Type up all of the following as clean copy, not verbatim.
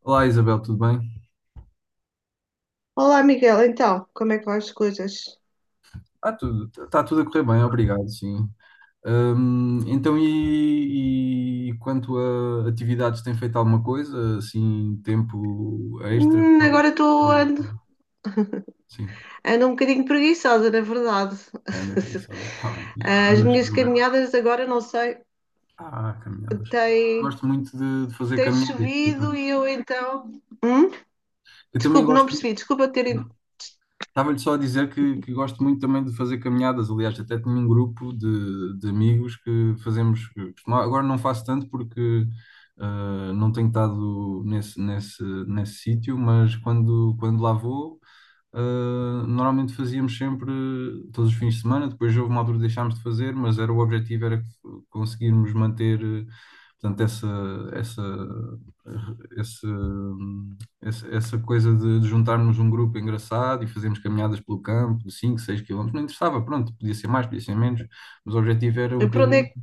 Olá Isabel, tudo bem? Olá, Miguel. Então, como é que vão as coisas? Tudo, está tudo a correr bem, obrigado, sim. Então, e quanto a atividades, tem feito alguma coisa, assim, tempo extra? Agora Sim, ando um bocadinho preguiçosa, na verdade. anda por isso, está bem. As Mas, minhas mas- caminhadas agora, não sei, ah, caminhadas. tem, Gosto muito de fazer tem caminhadas, por chovido acaso. e eu então. Hum? Eu também Desculpe, não gosto. percebi. Desculpa ter. Estava-lhe só a dizer que gosto muito também de fazer caminhadas. Aliás, até tenho um grupo de amigos que fazemos, agora não faço tanto porque ah, não tenho estado nesse sítio, mas quando lá vou, normalmente fazíamos sempre todos os fins de semana, depois houve uma altura que deixámos de fazer, mas era, o objetivo era que conseguirmos manter, portanto, essa, essa coisa de juntarmos um grupo engraçado e fazermos caminhadas pelo campo de 5 6 quilómetros, não interessava, pronto, podia ser mais, podia ser menos, mas o objetivo era um Para onde é, bocadinho, que-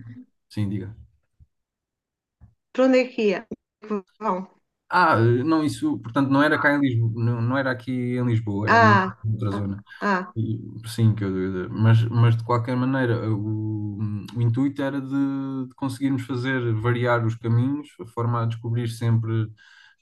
sim, diga. para onde é que ia? Que vão. Não, isso, portanto, não era cá em Lisboa, não, não era aqui em Lisboa, era Ah, noutra ah, zona. ah, E- Sim, que eu, mas de qualquer maneira, o intuito era de conseguirmos fazer variar os caminhos, a forma a descobrir sempre,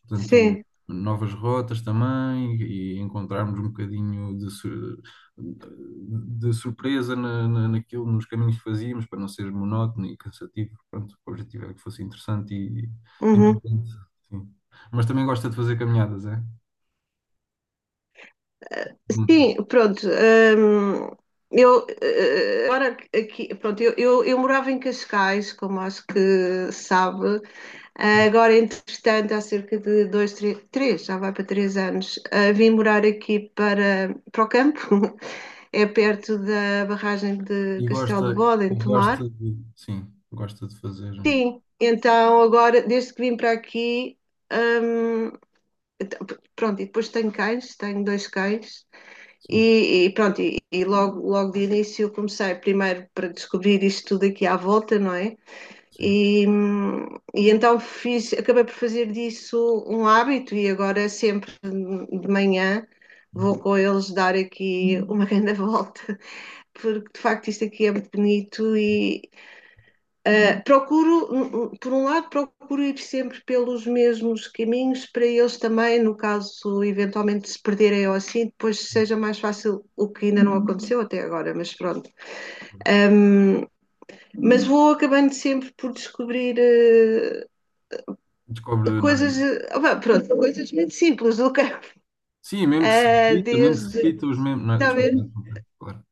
portanto, sim. novas rotas também e encontrarmos um bocadinho de, de surpresa naquilo, nos caminhos que fazíamos, para não ser monótono e cansativo. Pronto, o objetivo era que fosse interessante e Uhum. importante, sim. Mas também gosta de fazer caminhadas, é? Sim, pronto. Eu, agora aqui, pronto, eu morava em Cascais, como acho que sabe. Ah, agora, entretanto, há cerca de dois, três, já vai para 3 anos. Vim morar aqui para o campo, é perto da barragem de E Castelo de gosta, Bode, em e Tomar. gosta de, sim, gosta de fazer, Sim, então agora, desde que vim para aqui, hum, então, pronto, e depois tenho cães, tenho dois cães. sim, E, pronto, e logo de início comecei primeiro para descobrir isto tudo aqui à volta, não é? sim. E, e, então acabei por fazer disso um hábito e agora sempre de manhã vou com eles dar aqui uma grande volta, porque de facto isto aqui é muito bonito e por um lado, procuro ir sempre pelos mesmos caminhos para eles também, no caso eventualmente se perderem ou assim, depois seja mais fácil, o que ainda não aconteceu até agora, mas pronto. Hum, mas vou acabando sempre por descobrir Descobre, não é? coisas, pronto, coisas muito simples do campo, Sim, mesmo que se repita, mesmo que se desde, repita os mesmos, não é? está a Desculpa, ver? não, desculpa, claro.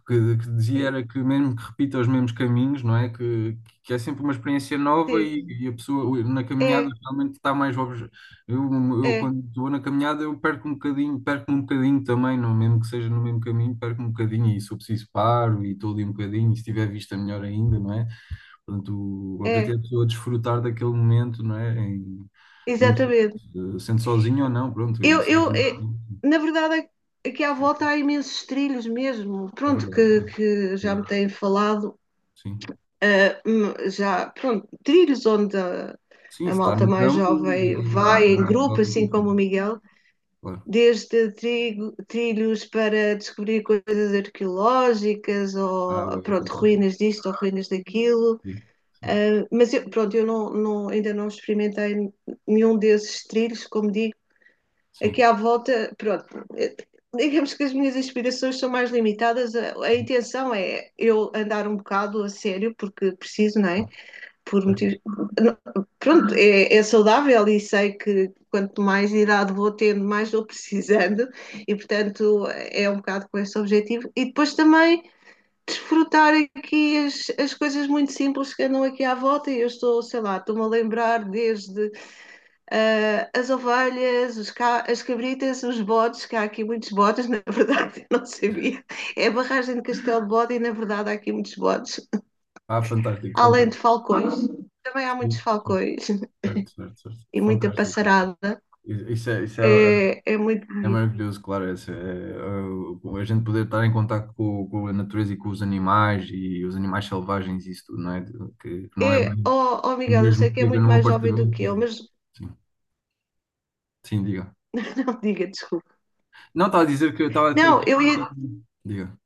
Que dizia era que mesmo que repita os mesmos caminhos, não é? Que é sempre uma experiência nova Sim, e a pessoa na caminhada é, realmente está mais obje... eu, eu é, quando estou na caminhada eu perco um bocadinho também, não, mesmo que seja no mesmo caminho, perco um bocadinho e se eu preciso paro e estou ali um bocadinho e se tiver vista melhor ainda, não é? Portanto, o objetivo é, é a pessoa é desfrutar daquele momento, não é? Em, mesmo se- exatamente. eh, sendo sozinho ou não, pronto, e Eu, sozinho, pronto, na verdade, aqui à volta há imensos trilhos mesmo, é pronto, verdade. que É, já me eh, têm falado, sim, já, pronto, trilhos onde a, sim, a se está malta no mais campo, jovem vai em grupo, toque, assim fica, como o Miguel, claro. desde trilhos para descobrir coisas arqueológicas, Ah, ou, uau, pronto, fantástico. ruínas disto ou ruínas daquilo. Sim, sim, Ah, mas eu, pronto, eu ainda não experimentei nenhum desses trilhos, como digo, aqui sim. à volta, pronto, eh, digamos que as minhas inspirações são mais limitadas. A intenção é eu andar um bocado a sério, porque preciso, não é? Hum, Por motivos. Certo. não- Pronto, é saudável e sei que quanto mais idade vou tendo, mais vou precisando, e portanto é um bocado com esse objetivo. E depois também. Desfrutar aqui as coisas muito simples que andam aqui à volta, e eu estou, sei lá, estou-me a lembrar desde as ovelhas, as cabritas, os bodes, que há aqui muitos bodes, na verdade, eu não sabia. É a barragem de Castelo de Bode e, na verdade, há aqui muitos bodes. Ah, fantástico, Além de fantástico. falcões, também há muitos Sim, sim, falcões certo, certo, certo. e muita Fantástico. passarada. Isso é, É, é muito é bonito. maravilhoso, claro. Essa, é, a gente poder estar em contato com a natureza e com os animais e os animais selvagens e isso tudo, não é? Que não é É, bem oh, o Miguel, eu mesmo sei que que é viver muito num mais jovem do apartamento. que eu, mas Sim, sim, diga. não diga, desculpa. Não, estava a dizer que eu estava a ter. Não, eu ia. Diga.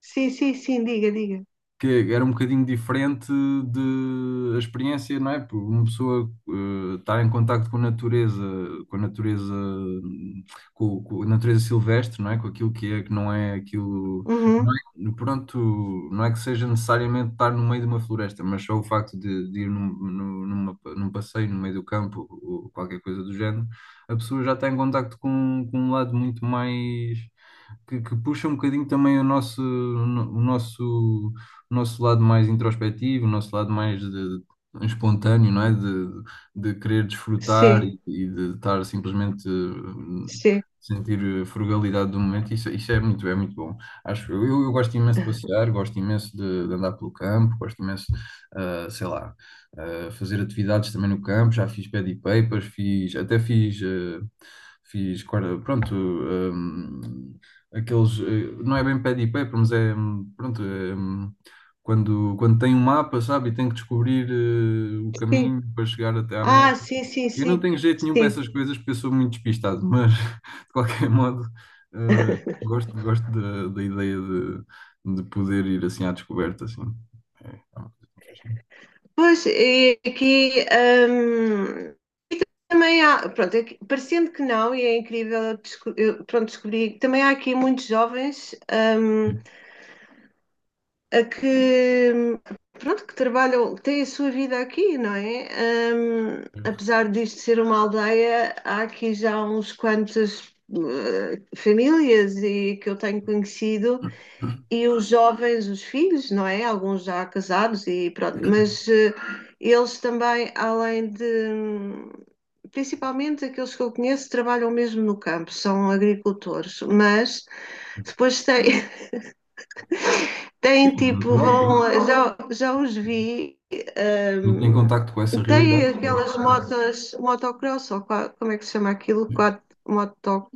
Sim, sim, sim, diga, diga. Que era um bocadinho diferente de a experiência, não é? Por uma pessoa estar em contacto com a natureza, com a natureza, com a natureza silvestre, não é? Com aquilo que é, que não é aquilo, não Uhum. é, pronto, não é que seja necessariamente estar no meio de uma floresta, mas só o facto de ir num, num passeio no meio do campo ou qualquer coisa do género, a pessoa já está em contacto com um lado muito mais que puxa um bocadinho também o nosso lado mais introspectivo, o nosso lado mais de- espontâneo, não é? De querer desfrutar Sim, e de estar simplesmente sim, sentir a frugalidade do momento. Isso é muito bom. Acho, eu gosto imenso de passear, gosto imenso de andar pelo campo, gosto imenso, sei lá, fazer atividades também no campo. Já fiz pad e papers, fiz, até fiz, fiz, pronto, eh, aqueles, não é bem pad e paper, mas é, pronto, é, quando, quando tem um mapa, sabe, e tem que descobrir o sim. caminho para chegar até à Ah, meta. sim, sim, Eu não sim, tenho jeito nenhum para sim. essas coisas porque eu sou muito despistado, mas de qualquer modo, gosto, gosto da ideia de poder ir assim à descoberta, assim. É, é uma coisa que me faz sentido. Pois, e aqui hum, também há, pronto, parecendo que não, e é incrível, eu, pronto, descobri, também há aqui muitos jovens, a que, hum, pronto, que trabalham, que têm a sua vida aqui, não é? Apesar disto ser uma aldeia, há aqui já uns quantas famílias e que eu tenho conhecido e os jovens, os filhos, não é? Alguns já casados e pronto, mas eles também, além de, principalmente aqueles que eu conheço, trabalham mesmo no campo, são agricultores, mas depois têm, Sim, têm é tipo, natural, pronto. vão, já os vi, Muito em contacto com essa têm realidade. Sim, aquelas sim, motas, motocross, ou como é que se chama aquilo? sim. Quatro, moto,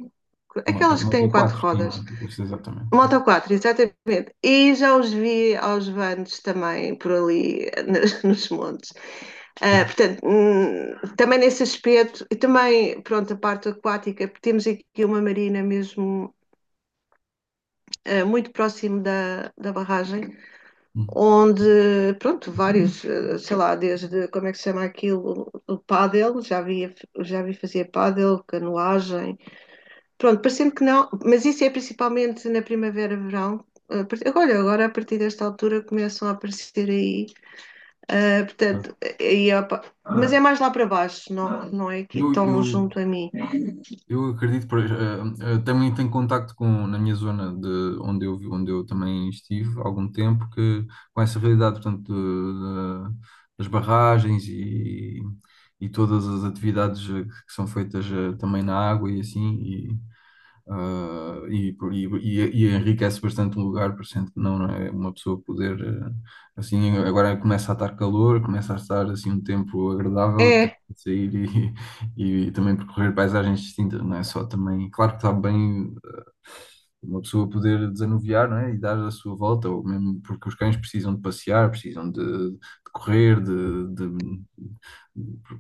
Uma aquelas que têm nota quatro 4 sim, rodas. com certeza, exatamente. Moto 4, exatamente. E já os vi aos vans também por ali nos montes. Ah, Sim. portanto, também nesse aspecto, e também, pronto, a parte aquática, temos aqui uma marina mesmo muito próximo da barragem, É. onde, pronto, vários, sei lá, desde, como é que se chama aquilo, o pádel, já vi fazer pádel, canoagem. Pronto, parecendo que não, mas isso é principalmente na primavera, verão. Olha, agora a partir desta altura começam a aparecer aí, Ah, portanto, opa, não, mas é mais lá para baixo, não, não é aqui Eu, tão eu, junto a mim. eu acredito, por, também tenho contacto com, na minha zona de onde eu, onde eu também estive há algum tempo, que com essa realidade, portanto, das barragens e todas as atividades que são feitas também na água e assim, e enriquece bastante um lugar, por cento que não, não é? Uma pessoa poder, assim, agora começa a estar calor, começa a estar, assim, um tempo agradável, tem É, que sair e também percorrer paisagens distintas, não é só também, claro que está bem uma pessoa poder desanuviar, não é? E dar a sua volta, ou mesmo porque os cães precisam de passear, precisam de correr,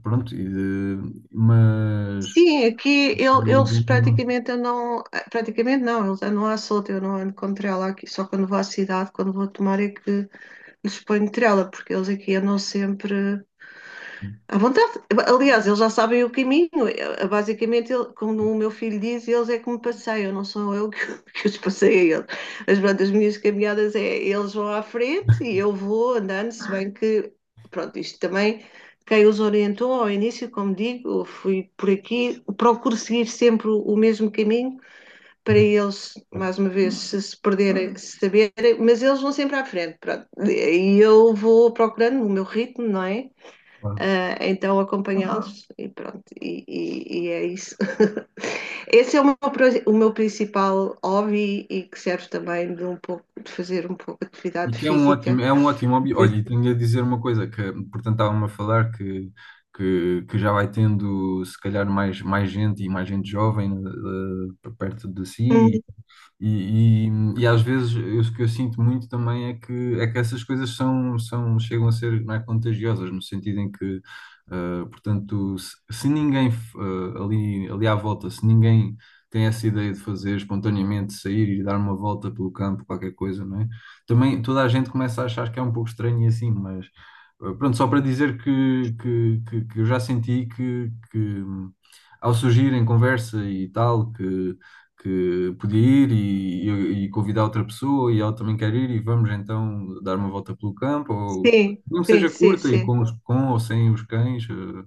pronto, e de, mas... sim, aqui eles mas- praticamente andam, praticamente não, eles andam à solta, eu não ando com trela aqui, só quando vou à cidade, quando vou tomar é que lhes ponho trela, porque eles aqui andam sempre à vontade. Aliás, eles já sabem o caminho. Basicamente, como o meu filho diz, eles é que me passeiam, não sou eu que, que os passei a eles. Mas pronto, as minhas caminhadas é eles vão à frente e eu vou andando, se bem que, pronto, isto também, quem os orientou ao início, como digo, eu fui por aqui, procuro seguir sempre o mesmo caminho para Uhum, eles, certo, mais uma vez, se perderem, se saberem, mas eles vão sempre à frente, pronto. E eu vou procurando o meu ritmo, não é? claro. Ah, então acompanhá-los e pronto, e é isso. Esse é o meu principal hobby e que serve também de um pouco de fazer um pouco de E atividade que física. é um ótimo hobby. Olha, e tenho a dizer uma coisa, que, portanto, estava-me a falar que, que já vai tendo, se calhar, mais, mais gente e mais gente jovem perto de Hum. si e às vezes o que eu sinto muito também é que essas coisas são, são, chegam a ser, não é, contagiosas, no sentido em que, portanto, se ninguém, ali, ali à volta, se ninguém tem essa ideia de fazer espontaneamente, sair e dar uma volta pelo campo, qualquer coisa, não é? Também toda a gente começa a achar que é um pouco estranho e assim, mas pronto, só para dizer que eu já senti que ao surgir em conversa e tal, que podia ir e convidar outra pessoa e ela também quer ir e vamos então dar uma volta pelo campo, ou Sim, não sim, seja sim, curta e sim, com, com ou sem os cães,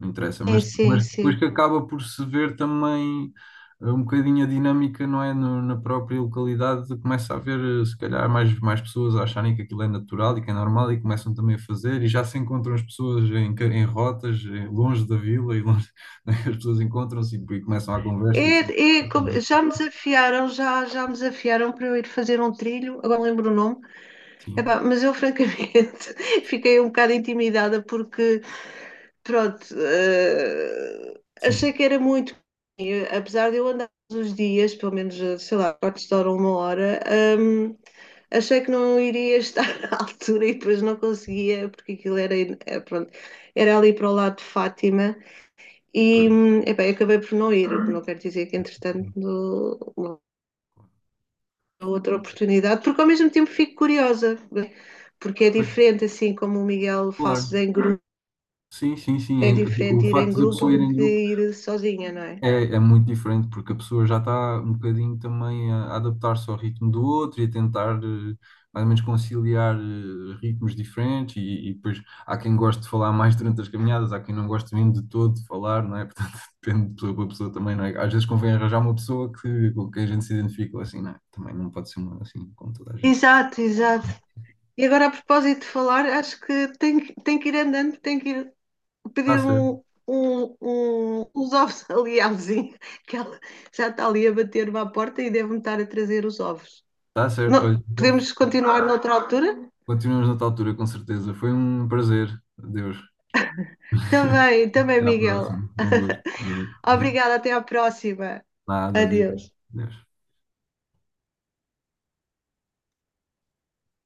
não interessa, sim, sim, mas depois sim. que acaba por se ver também um bocadinho a dinâmica, não é? Na própria localidade começa a haver se calhar mais, mais pessoas a acharem que aquilo é natural e que é normal e começam também a fazer e já se encontram as pessoas em, em rotas, longe da vila e longe, as pessoas encontram-se e começam a conversa e assim. Já me desafiaram, já me desafiaram para eu ir fazer um trilho, agora não lembro o nome. Sim, Epá, mas eu francamente fiquei um bocado intimidada porque pronto, achei sim. que era muito, e, apesar de eu andar todos os dias, pelo menos, sei lá, quartos de hora, ou uma hora, hum, achei que não iria estar à altura e depois não conseguia, porque aquilo era, pronto, era ali para o lado de Fátima e, Por- epá, eu acabei por não ir, o que não quero dizer que entretanto uma outra oportunidade, porque ao mesmo tempo fico curiosa, né? Porque é por- diferente, assim como o Miguel faz Claro. em grupo, Sim, sim, é sim. O diferente ir em facto da grupo pessoa ir do em que grupo ir sozinha, não é? é, é muito diferente, porque a pessoa já está um bocadinho também a adaptar-se ao ritmo do outro e a tentar mais ou menos conciliar ritmos diferentes. E depois há quem goste de falar mais durante as caminhadas, há quem não goste mesmo de todo de falar, não é? Portanto, depende de pessoa para pessoa também, não é? Às vezes convém arranjar uma pessoa que, com quem a gente se identifica, assim, não é? Também não pode ser uma assim, como toda a gente. Exato, exato. E agora, a propósito de falar, acho que tem que ir andando, tem que ir Está pedir um, certo, uns ovos ali à vizinha, que ela já está ali a bater-me à porta e deve-me estar a trazer os ovos. está certo. Não, Olha, então podemos continuar noutra altura? continuamos noutra altura, com certeza. Foi um prazer. Adeus. Também, também, Até à Miguel. próxima. Um gosto. Adeus. Obrigada, até à próxima. Nada, adeus. Adeus. Adeus.